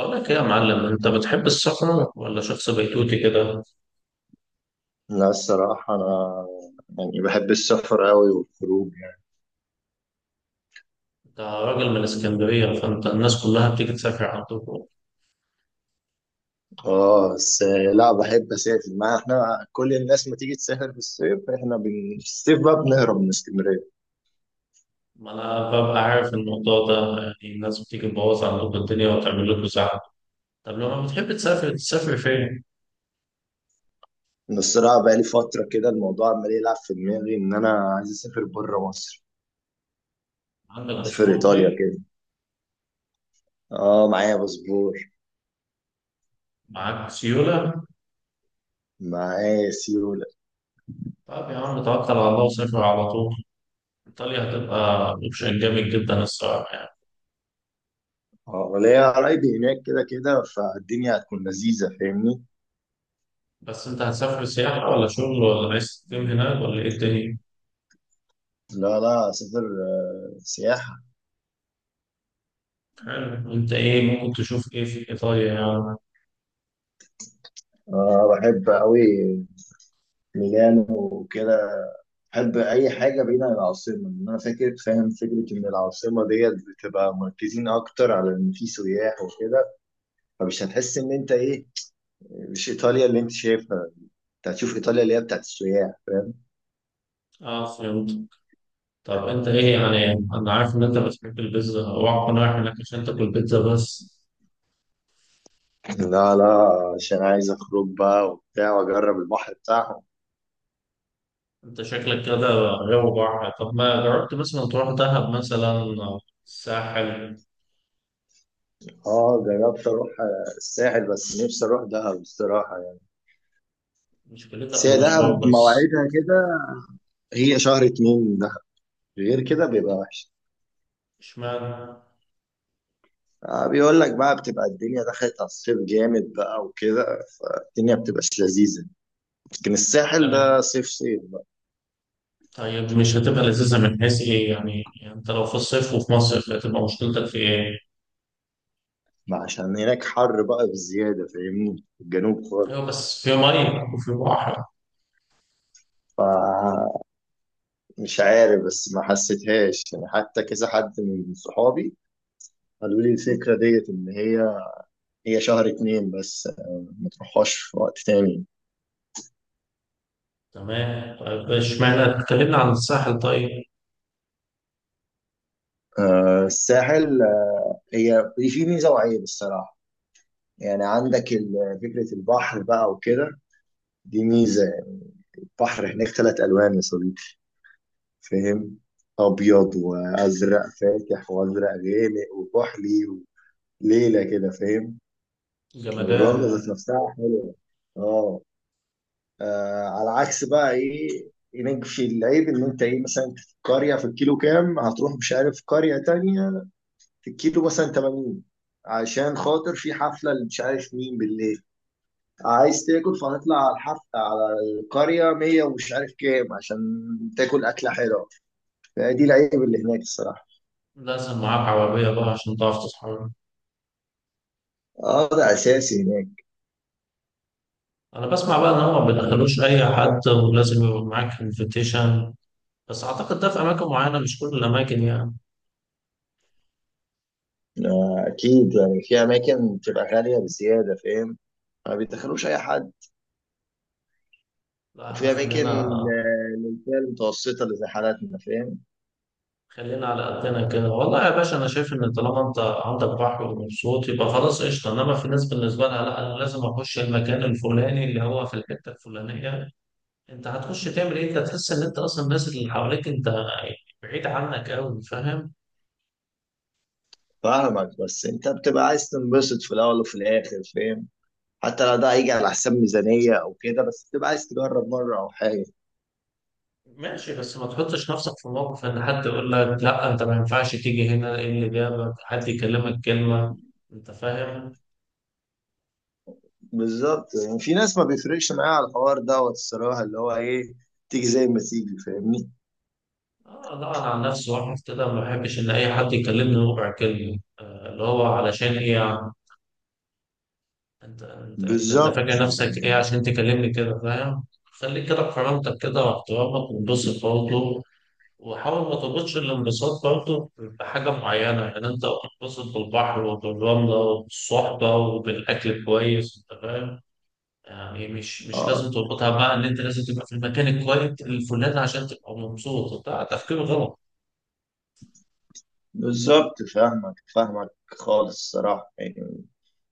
أقول لك إيه يا معلم، أنت بتحب السفر ولا شخص بيتوتي كده؟ لا، الصراحة أنا يعني بحب السفر أوي والخروج يعني. أنت راجل من اسكندرية، فأنت الناس كلها بتيجي تسافر عندكم. آه، بس لا، بحب أسافر. ما إحنا كل الناس ما تيجي تسافر في الصيف، إحنا في الصيف بقى بنهرب من اسكندرية. ما أنا ببقى عارف الموضوع ده، يعني الناس بتيجي تبوظ عندكم الدنيا وتعمل لكم زحمة. طب لما بتحب تسافر، تسافر فين؟ أنا الصراحة بقالي فترة كده الموضوع عمال يلعب في دماغي إن أنا عايز أسافر بره مصر. عندك أسافر أسوان إيطاليا طيب؟ كده. آه، معايا باسبور. معاك سيولة؟ معايا سيولة. طب يا عم توكل على الله وسافر على طول. إيطاليا هتبقى أوبشن جامد جدا الصراحة يعني. آه، وليا قرايبي هناك كده كده، فالدنيا هتكون لذيذة، فاهمني. بس أنت هتسافر سياحة ولا شغل، ولا عايز تقيم هناك، ولا إيه الدنيا؟ لا لا، أسافر. آه، سياحة. حلو. أنت إيه ممكن تشوف إيه في إيطاليا يعني؟ آه، بحب أوي ميلانو وكده. بحب اي حاجه بعيده عن العاصمه، ان انا فاكر فاهم فكره ان العاصمه ديت بتبقى مركزين اكتر على ان في سياح وكده. فمش هتحس ان انت ايه، مش ايطاليا اللي انت شايفها. انت هتشوف ايطاليا اللي هي بتاعت السياح، فاهم. اه، فهمت. طب انت ايه يعني، انا عارف ان انت بتحب البيتزا، اوعى تكون رايح هناك عشان تاكل بيتزا بس. لا لا، عشان عايز اخرج بقى وبتاع واجرب البحر بتاعهم. انت شكلك كده غاوي بحر. طب ما جربت مثلا تروح دهب مثلا، او الساحل؟ اه، جربت اروح الساحل، بس نفسي اروح دهب الصراحه يعني. مشكلتها بس في هي المشوار دهب بس. مواعيدها كده، هي شهر اتنين دهب، غير كده بيبقى وحش. اشمعنى؟ آه، بيقول لك بقى بتبقى الدنيا دخلت على الصيف جامد بقى وكده، الدنيا بتبقاش لذيذة. لكن الساحل تمام. ده صيف صيف بقى. طيب مش هتبقى لذيذة من حيث ايه يعني؟ يعني انت لو في الصيف وفي مصيف، هتبقى مشكلتك في ايه؟ ما عشان هناك حر بقى بزيادة فاهمني، في الجنوب ايوه، خالص. بس في ميه وفي بحر. فمش عارف، بس ما حسيتهاش يعني، حتى كذا حد من صحابي قالوا لي الفكرة ديت إن هي شهر اتنين بس، آه، ما تروحهاش في وقت تاني. تمام. طيب اشمعنى اتكلمنا عن الساحل طيب. آه، الساحل، آه، هي في ميزة وعيب الصراحة. يعني عندك فكرة البحر بقى وكده، دي ميزة. بحر هناك 3 الوان يا صديقي، فاهم، ابيض وازرق فاتح وازرق غامق وكحلي، وليله كده، فاهم. والرمله ذات جمدان. نفسها حلوه. اه، آه، على عكس بقى ايه، هناك في العيب ان انت ايه، مثلا في القريه في الكيلو كام هتروح، مش عارف، قريه تانية في الكيلو مثلا 80، عشان خاطر في حفله اللي مش عارف مين بالليل، عايز تاكل، فهتطلع على الحفله على القريه 100 ومش عارف كام، عشان تاكل اكله حلوه. دي العيب اللي هناك الصراحة. لازم معاك عربية بقى عشان تعرف تتحرك. اه ده اساسي هناك. أنا بسمع بقى إن هما ما بيدخلوش أي حد، ولازم يبقى معاك انفيتيشن، بس أعتقد ده في أماكن معينة، مش كل الأماكن يعني. آه، اكيد يعني في اماكن بتبقى غاليه بزياده، فاهم، ما بيدخلوش اي حد. لا إحنا وفي اماكن، خلينا آه، للفئه المتوسطه اللي زي حالاتنا، فاهم. على قدنا كده. والله يا باشا، أنا شايف إن طالما أنت عندك بحر ومبسوط، يبقى خلاص قشطة. إنما في ناس بالنسبة لها لا، أنا لازم أخش المكان الفلاني اللي هو في الحتة الفلانية. أنت هتخش تعمل إيه؟ أنت تحس إن أنت أصلا الناس اللي حواليك أنت بعيد عنك أوي، فاهم. فاهمك، بس انت بتبقى عايز تنبسط في الاول وفي الاخر، فاهم. حتى لو ده هيجي على حساب ميزانيه او كده، بس بتبقى عايز تجرب مره او حاجه. ماشي، بس ما تحطش نفسك في موقف ان حد يقول لك لا انت ما ينفعش تيجي هنا، ايه اللي جابك، حد يكلمك كلمة، انت فاهم. بالظبط، يعني في ناس ما بيفرقش معاها على الحوار دوت الصراحه، اللي هو ايه، تيجي زي ما تيجي، فاهمني. آه لا، انا عن نفسي واحد كده ما بحبش ان اي حد يكلمني ربع كلمة، اللي هو علشان ايه يعني؟ انت فاكر بالظبط. نفسك ايه عشان تكلمني كده، فاهم؟ خليك كده بكرامتك كده واحترامك، وانبسط برضه. وحاول ما تربطش الانبساط برضه بحاجة معينة، يعني انت انبسط بالبحر وبالرملة وبالصحبة وبالأكل كويس، انت فاهم. يعني مش آه. لازم تربطها بقى ان انت لازم تبقى في المكان الكويس الفلاني عشان تبقى مبسوط، ده تفكير غلط. بالظبط، فاهمك فاهمك خالص الصراحة يعني.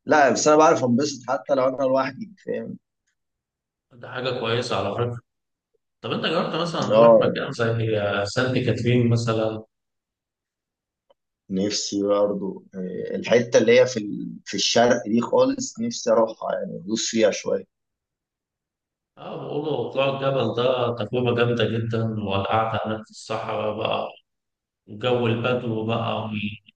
لا، بس أنا بعرف أنبسط حتى لو أنا لوحدي، فاهم. ده حاجه كويسه على فكره. طب انت جربت إن مثلا تروح هو مكان زي سانت كاترين مثلا؟ نفسي برضه، آه، الحتة اللي هي في في الشرق دي خالص نفسي أروحها، يعني أدوس فيها شوية. اه، بيقولوا طلوع الجبل ده تجربه جامده جدا، والقعده هناك في الصحراء بقى، وجو البدو بقى،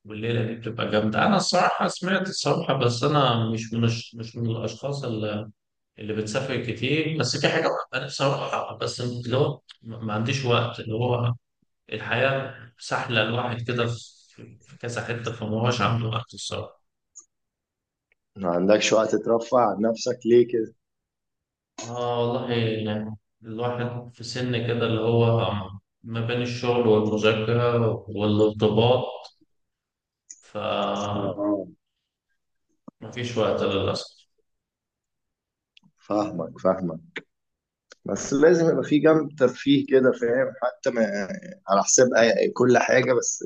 والليله دي بتبقى جامده. انا الصراحه سمعت الصراحه، بس انا مش من الاشخاص اللي بتسافر كتير. بس في حاجه، انا بصراحه بس اللي هو ما عنديش وقت، اللي هو الحياة سحلة، الواحد كده في كذا حتة، فما هوش عنده وقت الصراحة. ما عندكش وقت ترفع عن نفسك ليه كده؟ آه والله يعني، الواحد في سن كده اللي هو ما بين الشغل والمذاكرة والارتباط، فمفيش اه، وقت للأسف. فاهمك فاهمك. بس لازم يبقى في جنب ترفيه كده، فاهم، حتى ما على حساب كل حاجة، بس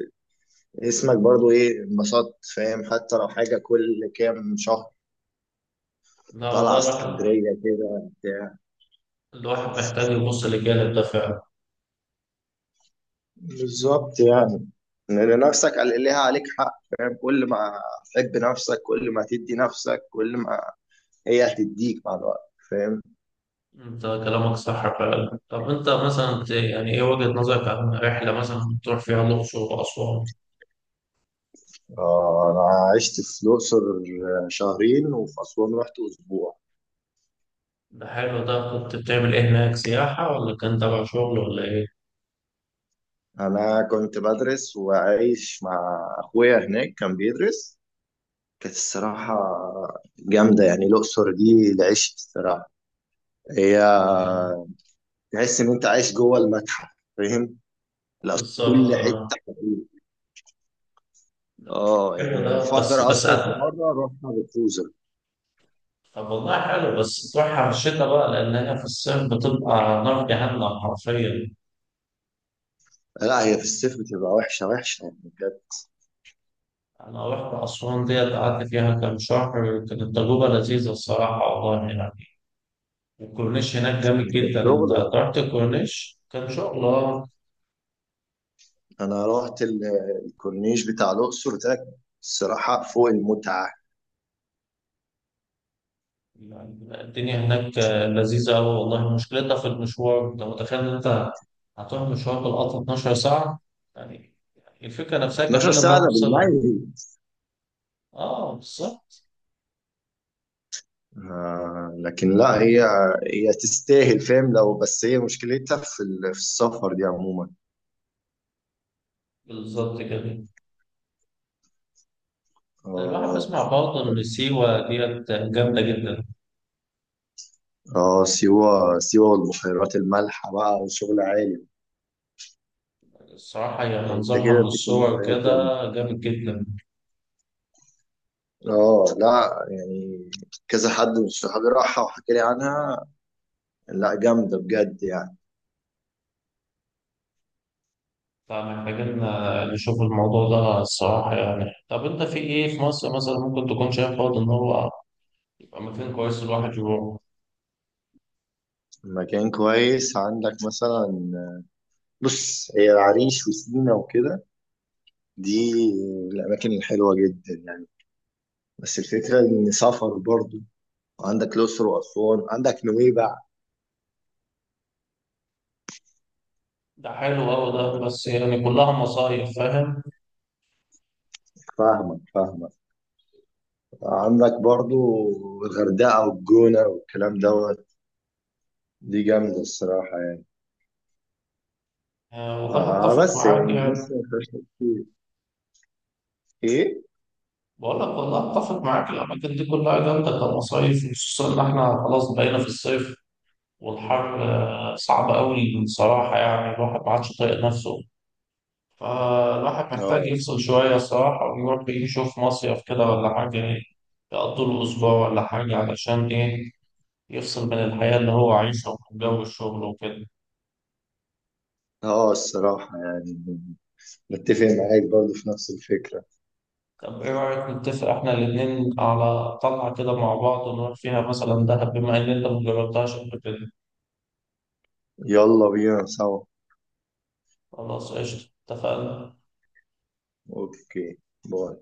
اسمك برضو ايه انبسطت، فاهم، حتى لو حاجة كل كام شهر، لا والله طالعه اسكندريه كده بتاع. الواحد محتاج يبص للجانب ده فعلا. بالظبط يعني. لأن نفسك ليها عليك حق، فاهم، كل ما تحب نفسك كل ما تدي نفسك كل ما هي هتديك مع الوقت، فاهم. انت كلامك صح فعلا. طب انت مثلا يعني ايه وجهة نظرك عن رحلة مثلا تروح فيها الأقصر وأسوان؟ آه، أنا عشت في الأقصر شهرين وفي أسوان رحت أسبوع. ده حلو. ده كنت بتعمل ايه هناك، سياحة ولا كان تبع شغل ولا ايه؟ انا كنت بدرس وعايش مع اخويا هناك، كان بيدرس. كانت الصراحه جامده يعني. الاقصر دي العشق الصراحه، هي آه، تحس ان انت عايش جوه المتحف، فاهم. لا، بالظبط. كل اه حته حقيقي. اه، حلو ده، يعني بس بفكر بس اصلا في أتنى. مره رحنا بالكوزه. طب والله حلو، بس تروح على الشتاء بقى، لأن هي في الصيف بتبقى نار جهنم حرفيا. لا، هي في الصيف بتبقى وحشه وحشه يعني، كانت. أنا رحت أسوان ديت، قعدت فيها كام شهر، كانت تجربة لذيذة الصراحة والله يعني. الكورنيش هناك جامد كانت جدا. أنت شغل ولا رحت إيه؟ الكورنيش كان شغل، اه انا رحت الكورنيش بتاع الاقصر ده الصراحه فوق المتعه. يعني الدنيا هناك آه، لذيذة أوي والله. مشكلتها في المشوار، أنت متخيل إن أنت هتروح مشوار بالقطر 12 ساعة؟ يعني الفكرة نفسها 12 كفيلة إنها ساعه ده توصلك. بالميت. اه بالظبط. آه، لكن لا، هي تستاهل، فاهم. لو بس هي مشكلتها في في السفر دي عموما. بالظبط كده. الواحد اه. بيسمع برضه إن سيوة ديت جامدة جدا. اه سيوه سيوه والبحيرات المالحه بقى وشغل عالي. الصراحة هي انت منظرها كده من بتتكلم في الصور حاجات. كده جامد جدا. اه، لا يعني كذا حد من صحابي راحها وحكى لي عنها، لا جامدة بجد يعني. فمحتاجين آه، نشوف الموضوع ده الصراحة يعني. طب أنت في إيه في مصر مثلا ممكن تكون شايف برضه إن هو يبقى مكان كويس الواحد يروح؟ مكان كويس عندك مثلا؟ بص هي العريش وسينا وكده، دي الأماكن الحلوة جدا يعني. بس الفكرة إن سفر برضو. عندك الأقصر وأسوان، عندك نويبع. ده حلو أوي ده، بس يعني كلها مصايف، فاهم. فاهمك فاهمك. عندك برضو الغردقة والجونة والكلام دوت، دي جامدة الصراحة يعني. آه والله آه، أتفق بس معاك يعني يعني. مصر ما فيهاش كتير إيه؟ بقول لك والله أتفق معاك، الأماكن دي كلها جامدة كمصايف، خصوصا إن إحنا خلاص بقينا في الصيف، والحر آه، صعب أوي بصراحة يعني، الواحد ما عادش طايق نفسه. فالواحد محتاج اه. يفصل شوية الصراحة، ويروح يشوف مصيف كده ولا حاجة، يقضي له أسبوع ولا حاجة علشان إيه، يفصل من الحياة اللي هو عايشها ومن جو الشغل وكده. اه الصراحة يعني متفق معاك برضه في نفس الفكرة. طب إيه رأيك نتفق إحنا الاتنين على طلعة كده مع بعض، ونروح فيها مثلا دهب، بما إن أنت مجربتهاش قبل كده؟ يلا بينا سوا. خلاص قشطة، اتفقنا. اوكي. باي.